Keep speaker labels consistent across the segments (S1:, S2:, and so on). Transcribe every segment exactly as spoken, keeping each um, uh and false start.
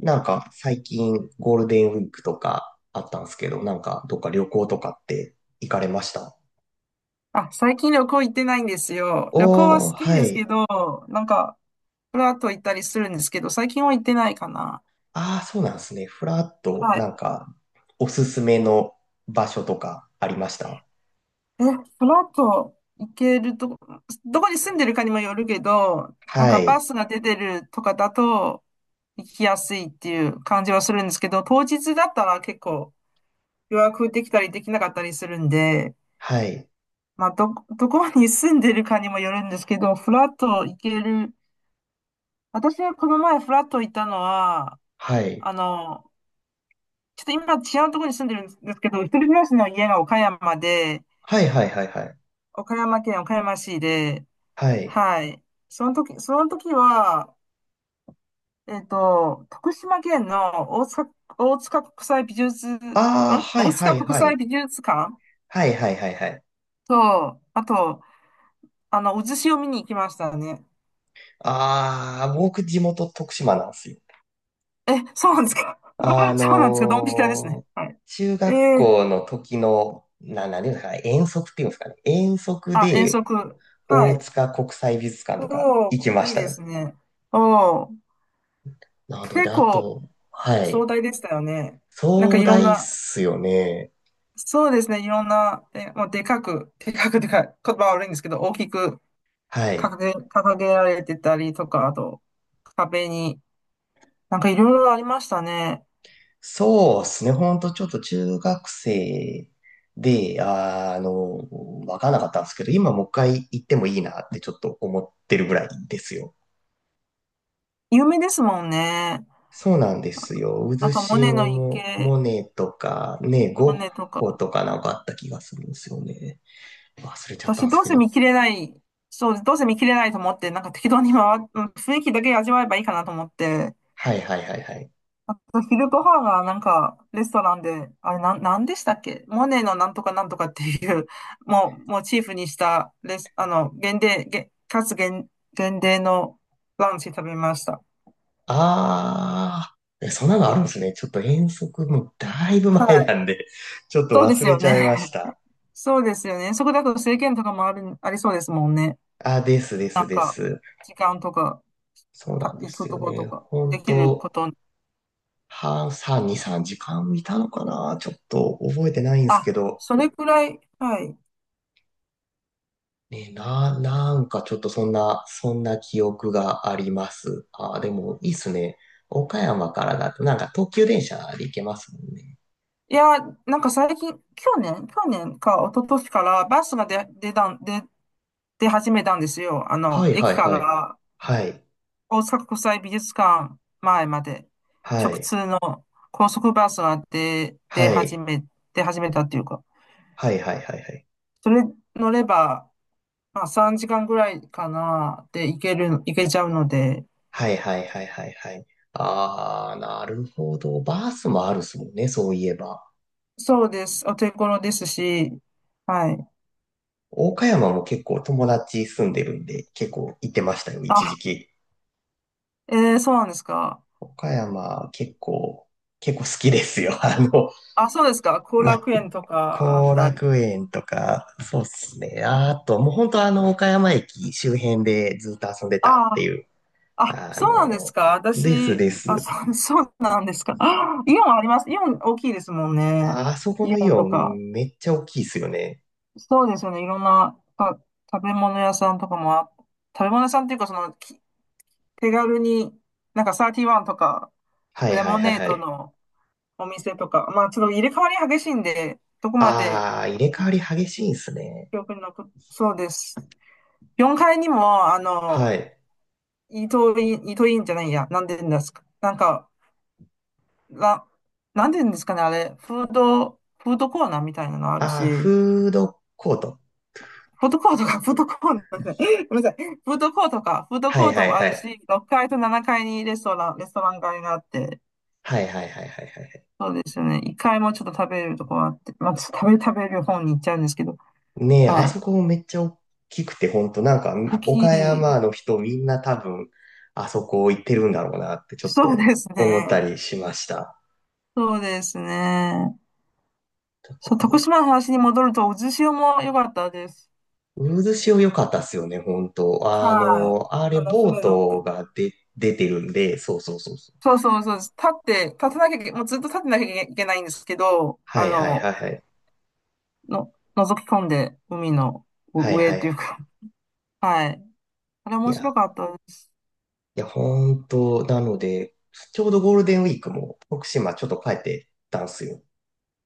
S1: なんか最近ゴールデンウィークとかあったんですけど、なんかどっか旅行とかって行かれました？
S2: あ、最近旅行行ってないんですよ。旅行は
S1: お
S2: 好
S1: ー、
S2: き
S1: は
S2: ですけ
S1: い。
S2: ど、なんか、フラッと行ったりするんですけど、最近は行ってないかな。
S1: ああ、そうなんですね。フラッと
S2: は
S1: な
S2: い。
S1: んかおすすめの場所とかありました？
S2: え、フラッと行けるとこ、どこに住んでるかにもよるけど、なん
S1: は
S2: かバ
S1: い。
S2: スが出てるとかだと行きやすいっていう感じはするんですけど、当日だったら結構予約できたりできなかったりするんで、
S1: はい。
S2: まあ、ど、どこに住んでるかにもよるんですけど、フラッと行ける。私はこの前フラッと行ったのは、
S1: はい。
S2: あの、ちょっと今違うところに住んでるんですけど、一人暮らしの家が岡山で、
S1: はいはいはいはい。
S2: 岡山県岡山市で、
S1: はい。
S2: はい。その時、その時は、えっと、徳島県の大塚、大塚国際美術、ん
S1: ああ、はい
S2: 大
S1: は
S2: 塚
S1: い
S2: 国
S1: は
S2: 際
S1: い。
S2: 美術館
S1: はいはいはいはい。
S2: と、あと、あの、渦潮を見に行きましたね。
S1: ああ、僕地元徳島なんですよ。
S2: え、そうなんですか。
S1: あ
S2: そうなんですかドンピシャですね。
S1: のー
S2: はい。
S1: 中
S2: え
S1: 学
S2: ー、
S1: 校の時の、な、なんていうんですかね、遠足っていうんですかね、遠足
S2: あ、遠
S1: で
S2: 足。は
S1: 大
S2: い。
S1: 塚国際美術館とか
S2: お
S1: 行き
S2: ー、
S1: ま
S2: い
S1: し
S2: い
S1: た
S2: で
S1: よ。
S2: すね。おー、
S1: なので、
S2: 結
S1: あ
S2: 構、
S1: と、は
S2: 壮
S1: い。
S2: 大でしたよね。なんか
S1: 壮
S2: いろん
S1: 大っ
S2: な、
S1: すよね。
S2: そうですね、いろんな、え、もうでかく、でかくでかい、言葉悪いんですけど、大きく
S1: は
S2: 掲
S1: い。
S2: げ、掲げられてたりとか、あと、壁に、なんかいろいろありましたね。
S1: そうですね。ほんとちょっと中学生で、あー、あのわからなかったんですけど、今もう一回行ってもいいなってちょっと思ってるぐらいですよ。
S2: 有名ですもんね。
S1: そうなんですよ。
S2: あ
S1: 渦
S2: と、モネ
S1: 潮
S2: の
S1: も、
S2: 池、
S1: モネとか、ね、
S2: モ
S1: ゴッ
S2: ネと
S1: ホ
S2: か。
S1: とかなんかあった気がするんですよね。忘れちゃったん
S2: 私、
S1: です
S2: どう
S1: け
S2: せ
S1: ど。
S2: 見切れない、そうどうせ見切れないと思って、なんか適当に回っ、うん雰囲気だけ味わえばいいかなと思って、
S1: はいはいはいはい。
S2: あと、昼ご飯はなんか、レストランで、あれ、なん、なんでしたっけモネのなんとかなんとかっていう、もう、モチーフにした、レス、あの、限定、げ、かつ限、限定のランチ食べました。
S1: あー、えそんなのあるんですね。ちょっと遠足もだいぶ
S2: は
S1: 前
S2: い。
S1: なんで、ちょっと
S2: そうで
S1: 忘
S2: す
S1: れ
S2: よ
S1: ちゃいまし
S2: ね。
S1: た。
S2: そうですよね。そこだと制限とかもある、ありそうですもんね。
S1: あ、ですで
S2: な
S1: す
S2: ん
S1: で
S2: か、
S1: す。
S2: 時間とか、
S1: そう
S2: た、
S1: なんで
S2: 行
S1: す
S2: くと
S1: よ
S2: こ
S1: ね。
S2: とか、
S1: 本
S2: できる
S1: 当
S2: こと。
S1: 半、さん、に、さんじかん見たのかなちょっと覚えてないんです
S2: あ、
S1: けど、
S2: それくらい、はい。
S1: ね、な、なんかちょっとそんな、そんな記憶があります。あー、でもいいっすね。岡山からだとなんか東急電車で行けますもんね。
S2: いや、なんか最近、去年、去年か一昨年からバスが出、出たん、出出始めたんですよ。あ
S1: は
S2: の、
S1: いは
S2: 駅
S1: い
S2: か
S1: はい。
S2: ら
S1: はい。
S2: 大阪国際美術館前まで
S1: は
S2: 直
S1: い。
S2: 通の高速バスが出、出
S1: は
S2: 始
S1: い。
S2: め、出始めたっていうか、
S1: はいはいはいはい。
S2: それ乗れば、まあさんじかんぐらいかなで行ける、行けちゃうので、
S1: はいはいはいはいはい。あー、なるほど。バースもあるっすもんね、そういえば。
S2: そうです。お手頃ですし、はい。
S1: 岡山も結構友達住んでるんで、結構行ってましたよ、一時
S2: あ、
S1: 期。
S2: えー、そうなんですか。
S1: 岡山結構、結構好きですよ。あの、
S2: あ、そうですか。後
S1: ま
S2: 楽園とかあっ
S1: 後
S2: たり。
S1: 楽園とか、そうっすね。ああと、もう本当あの、岡山駅周辺でずっと遊んでた
S2: あ
S1: っていう。
S2: あ、
S1: あ
S2: そうなんです
S1: の、
S2: か。
S1: です
S2: 私、
S1: で
S2: あ、
S1: す。
S2: そう、そうなんですか。あイオンあります。イオン大きいですもんね。
S1: あそこ
S2: イ
S1: のイ
S2: オン
S1: オ
S2: とか。
S1: ンめっちゃ大きいっすよね。
S2: そうですよね。いろんなか食べ物屋さんとかもあ、食べ物屋さんっていうか、その、き手軽に、なんかサーティワンとか、
S1: はい
S2: レ
S1: はい
S2: モ
S1: はい
S2: ネー
S1: は
S2: ド
S1: い。
S2: のお店とか、まあちょっと入れ替わり激しいんで、どこまで、
S1: ああ、入
S2: あ
S1: れ替
S2: の、
S1: わり激しいんすね。
S2: 記憶に残っ、そうです。よんかいにも、あ
S1: は
S2: の、
S1: い。
S2: イートイン、イートインじゃないや、なんでですか。なんか、な、なんて言うんですかね、あれ、フード、フードコーナーみたいなのある
S1: ああ、
S2: し、
S1: フードコート。
S2: フードコートか、フードコーナーじゃない、ごめんなさい、フードコートか、フード
S1: は
S2: コ
S1: い
S2: ー
S1: は
S2: ト
S1: い
S2: もあ
S1: は
S2: る
S1: い。
S2: し、ろっかいとななかいにレストラン、レストラン街があって、
S1: はいはいはいはいはい。
S2: そうですよね、いっかいもちょっと食べれるとこがあって、まあ、ちょっと食べ、食べる方に行っちゃうんですけど、
S1: ねえ、
S2: は
S1: あ
S2: い、
S1: そこもめっちゃ大きくて、ほんとなんか、
S2: 大き
S1: 岡
S2: い、
S1: 山の人みんな多分、あそこ行ってるんだろうなってちょっ
S2: そう
S1: と
S2: です
S1: 思った
S2: ね、
S1: りしました。
S2: そうですね、
S1: だ
S2: そう、
S1: か
S2: 徳
S1: ら、
S2: 島の話に戻ると、渦潮も良かったです。
S1: 渦潮良かったっすよね、ほんと。あ
S2: はい、
S1: の、あれ、
S2: あの、
S1: ボー
S2: 船乗っ
S1: ト
S2: て。
S1: が出出てるんで、そうそうそうそう。
S2: そうそうそうです。立って、立たなきゃいけ、もうずっと立ってなきゃいけないんですけど、
S1: は
S2: あ
S1: いはいはい
S2: の、
S1: はい。
S2: の、覗き込んで、海の
S1: は
S2: う
S1: い
S2: 上
S1: は
S2: っ
S1: い。
S2: ていうか、はい。あれ
S1: い
S2: 面
S1: や、
S2: 白かったです。
S1: いや、ほんと、なので、ちょうどゴールデンウィークも徳島ちょっと帰ってたんすよ。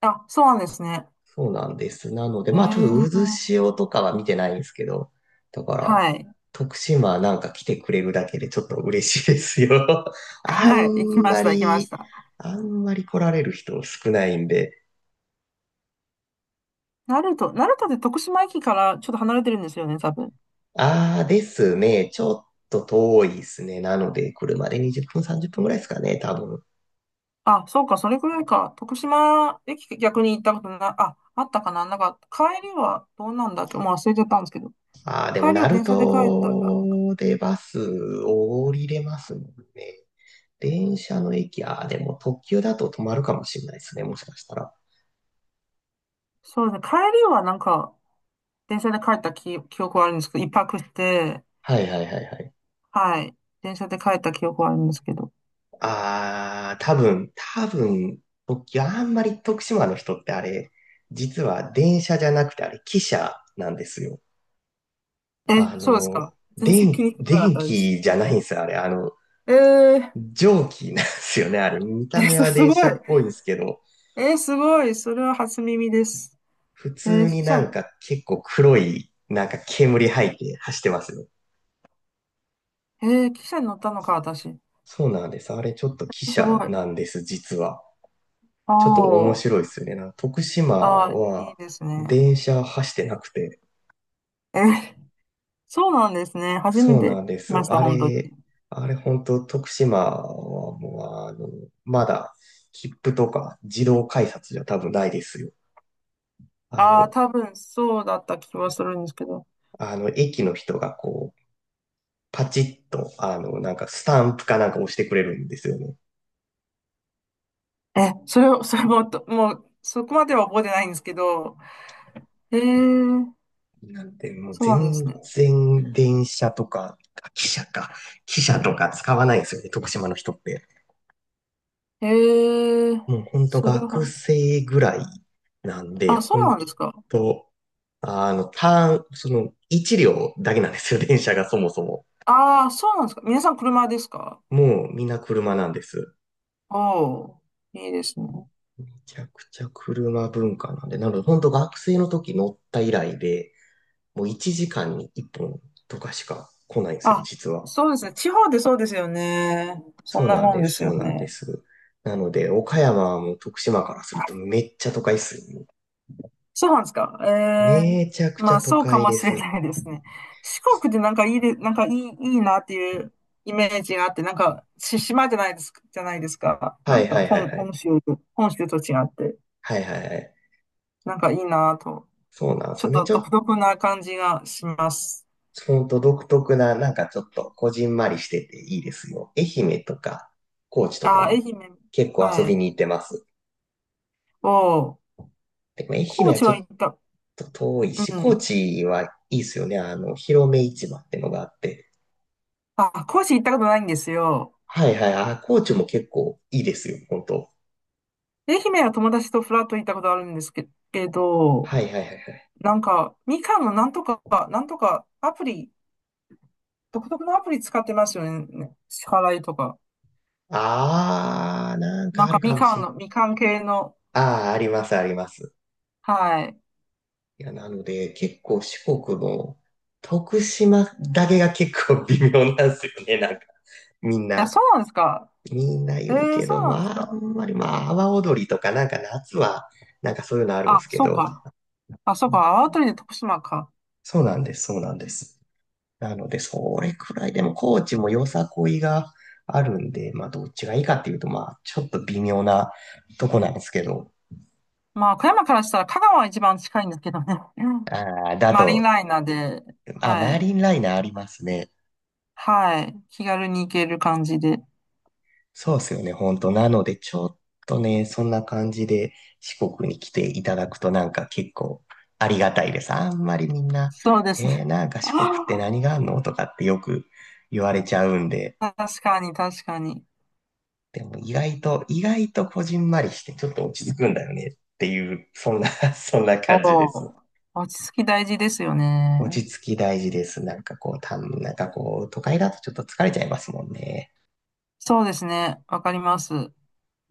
S2: あ、そうなんですね。
S1: そうなんです。なので、
S2: え
S1: まあちょっ
S2: ー、
S1: と渦潮とかは見てないんですけど、だから、
S2: はい。
S1: 徳島なんか来てくれるだけでちょっと嬉しいですよ。あ
S2: はい。行き
S1: ん
S2: ま
S1: ま
S2: した、行きまし
S1: り、
S2: た。
S1: あんまり来られる人少ないんで。
S2: 鳴門、鳴門って徳島駅からちょっと離れてるんですよね、多分。
S1: ああですね。ちょっと遠いですね。なので、車でにじゅっぷん、さんじゅっぷんぐらいですかね、多分。
S2: あ、そうか、それくらいか。徳島駅逆に行ったことな、あ、あったかな。なんか、帰りはどうなんだっけもう忘れちゃったんですけど。
S1: ああ、でも、
S2: 帰りは
S1: 鳴
S2: 電車で帰ったら。
S1: 門でバス降りれますもんね。電車の駅、ああ、でも特急だと止まるかもしれないですね、もしかしたら。
S2: そうですね。帰りはなんか、電車で帰った記、記憶はあるんですけど、一泊して、
S1: はいはいはいはい。
S2: はい。電車で帰った記憶はあるんですけど。
S1: ああ、多分、多分、僕、あんまり徳島の人ってあれ、実は電車じゃなくてあれ、汽車なんですよ。
S2: え、
S1: あ
S2: そうです
S1: の、
S2: か。全然気
S1: 電、
S2: にしわな
S1: 電
S2: かったです。
S1: 気じゃないんですよ、あれ。あの、
S2: えー、
S1: 蒸気なんですよね、あれ。見た
S2: え、
S1: 目
S2: そ
S1: は
S2: す
S1: 電
S2: ご
S1: 車
S2: い。
S1: っぽいんですけど、
S2: えー、すごい。それは初耳です。
S1: 普
S2: えー、
S1: 通
S2: 汽
S1: になん
S2: 車、
S1: か結構黒い、なんか煙吐いて走ってますよ。
S2: えー、汽車に乗ったのか、私。
S1: そうなんです。あれ、ちょっと汽
S2: すご
S1: 車
S2: い。
S1: なんです、実は。
S2: あ
S1: ちょっと面白
S2: ー
S1: いっすね。なんか徳島
S2: あー、いい
S1: は
S2: ですね。
S1: 電車走ってなくて。
S2: えー、そうなんですね。初め
S1: そう
S2: て
S1: なんで
S2: 来
S1: す。
S2: ました、
S1: あ
S2: 本当に。
S1: れ、あれ本当徳島はもうあの、まだ切符とか自動改札じゃ多分ないですよ。あ
S2: ああ、
S1: の、
S2: 多分そうだった気はするんですけど。
S1: あの、駅の人がこう、パチッと、あの、なんかスタンプかなんか押してくれるんですよね。
S2: え、それを、それも、ともう、そこまでは覚えてないんですけど、ええ、
S1: なんで、もう
S2: そうなんで
S1: 全
S2: すね。
S1: 然電車とか、あ汽車か、汽車とか使わないんですよね、徳島の人って。
S2: ええ、
S1: もうほんと
S2: それ
S1: 学
S2: は、
S1: 生ぐらいなんで、
S2: あ、そ
S1: ほ
S2: う
S1: ん
S2: なんですか。
S1: と、あの、ターン、その、一両だけなんですよ、電車がそもそも。
S2: ああ、そうなんですか。皆さん車ですか。
S1: もうみんな車なんです。
S2: おおー、いいですね。
S1: めちゃくちゃ車文化なんで、なのでほんと学生の時乗った以来で、もういちじかんにいっぽんとかしか来ないんですよ、
S2: あ、
S1: 実は。
S2: そうですね。地方でそうですよね。そ
S1: そ
S2: ん
S1: う
S2: な
S1: なん
S2: もん
S1: で
S2: で
S1: す、
S2: す
S1: そ
S2: よ
S1: うなんで
S2: ね。
S1: す。なので、岡山はもう徳島からするとめっちゃ都会っすよ。
S2: そうなんですか。ええ、
S1: めちゃくち
S2: ま
S1: ゃ
S2: あ
S1: 都
S2: そうか
S1: 会
S2: も
S1: で
S2: しれ
S1: す。
S2: ないですね。四国でなんかいいで、なんかいい、いいなっていうイメージがあって、なんか、し、島じゃないですか、じゃないですか。な
S1: は
S2: ん
S1: い
S2: か
S1: はいはい
S2: 本、
S1: はい。
S2: 本州と、本州と違って、
S1: はいはいはい。
S2: なんかいいなと。
S1: そうなんで
S2: ち
S1: す
S2: ょっ
S1: よね。
S2: と
S1: ちょ
S2: 独
S1: っ
S2: 特な感じがします。
S1: と、ほんと独特な、なんかちょっと、こじんまりしてていいですよ。愛媛とか、高知とか
S2: あ、愛
S1: も
S2: 媛、
S1: 結構遊
S2: は
S1: び
S2: い。
S1: に行ってます。
S2: を、
S1: でも愛媛
S2: 高
S1: は
S2: 知
S1: ちょ
S2: は
S1: っ
S2: 行った、
S1: と遠い
S2: う
S1: し、高
S2: ん。
S1: 知はいいですよね。あの、広め市場ってのがあって。
S2: あ、高知行ったことないんですよ。
S1: はいはい。あ、高知も結構いいですよ。本当。
S2: 愛媛は友達とフラッと行ったことあるんですけ、けど、
S1: はいはいはいはい。
S2: なんか、みかんのなんとか、なんとかアプリ、独特のアプリ使ってますよね。支払いとか。
S1: あー、なん
S2: な
S1: か
S2: ん
S1: ある
S2: か
S1: か
S2: み
S1: も
S2: か
S1: し
S2: ん
S1: れない。
S2: の、みかん系の、
S1: あー、ありますあります。
S2: はい。い
S1: いや、なので、結構四国の徳島だけが結構微妙なんですよね、なんか。みん
S2: や、
S1: な、
S2: そうなんですか。
S1: みんな
S2: え
S1: 言う
S2: ー、
S1: け
S2: そ
S1: ど、
S2: うなんです
S1: まあ、
S2: か。
S1: あんまり、まあ、阿波踊りとか、なんか夏は、なんかそういうのあるんで
S2: あ、
S1: すけ
S2: そう
S1: ど。
S2: か。あ、そうか。あわとりで徳島か。
S1: そうなんです、そうなんです。なので、それくらいでも、高知もよさこいがあるんで、まあ、どっちがいいかっていうと、まあ、ちょっと微妙なとこなんですけど。
S2: まあ、富山からしたら香川は一番近いんですけどね。うん
S1: ああ、だ
S2: マリ
S1: と、
S2: ンライナーで、
S1: あ、
S2: は
S1: マリ
S2: い、
S1: ンライナーありますね。
S2: はい、気軽に行ける感じで。
S1: そうですよね、本当。なので、ちょっとね、そんな感じで四国に来ていただくとなんか結構ありがたいです。あんまりみんな、
S2: そうです
S1: えー、
S2: ね。
S1: なんか四国って
S2: あ
S1: 何があんのとかってよく言われちゃうんで、
S2: ー確かに、確かに。
S1: でも意外と、意外とこじんまりしてちょっと落ち着くんだよねっていう、そんな そんな
S2: お
S1: 感じです。
S2: お、落ち着き大事ですよ
S1: 落
S2: ね。
S1: ち着き大事です。なんかこう、たん、なんかこう、都会だとちょっと疲れちゃいますもんね。
S2: そうですね。わかります。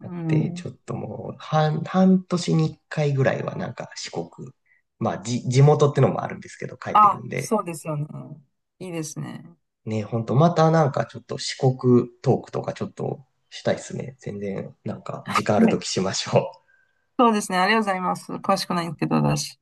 S1: だって、
S2: ん。
S1: ちょっともう、半、半年に一回ぐらいはなんか四国、まあ、じ、地元ってのもあるんですけど、帰ってる
S2: あ、
S1: んで、
S2: そうですよね。いいですね。
S1: ね、ほんと、またなんかちょっと四国トークとかちょっとしたいっすね。全然、なんか、時
S2: は
S1: 間あると
S2: い。
S1: きしましょう。
S2: そうですね。ありがとうございます。詳しくないんですけど、私。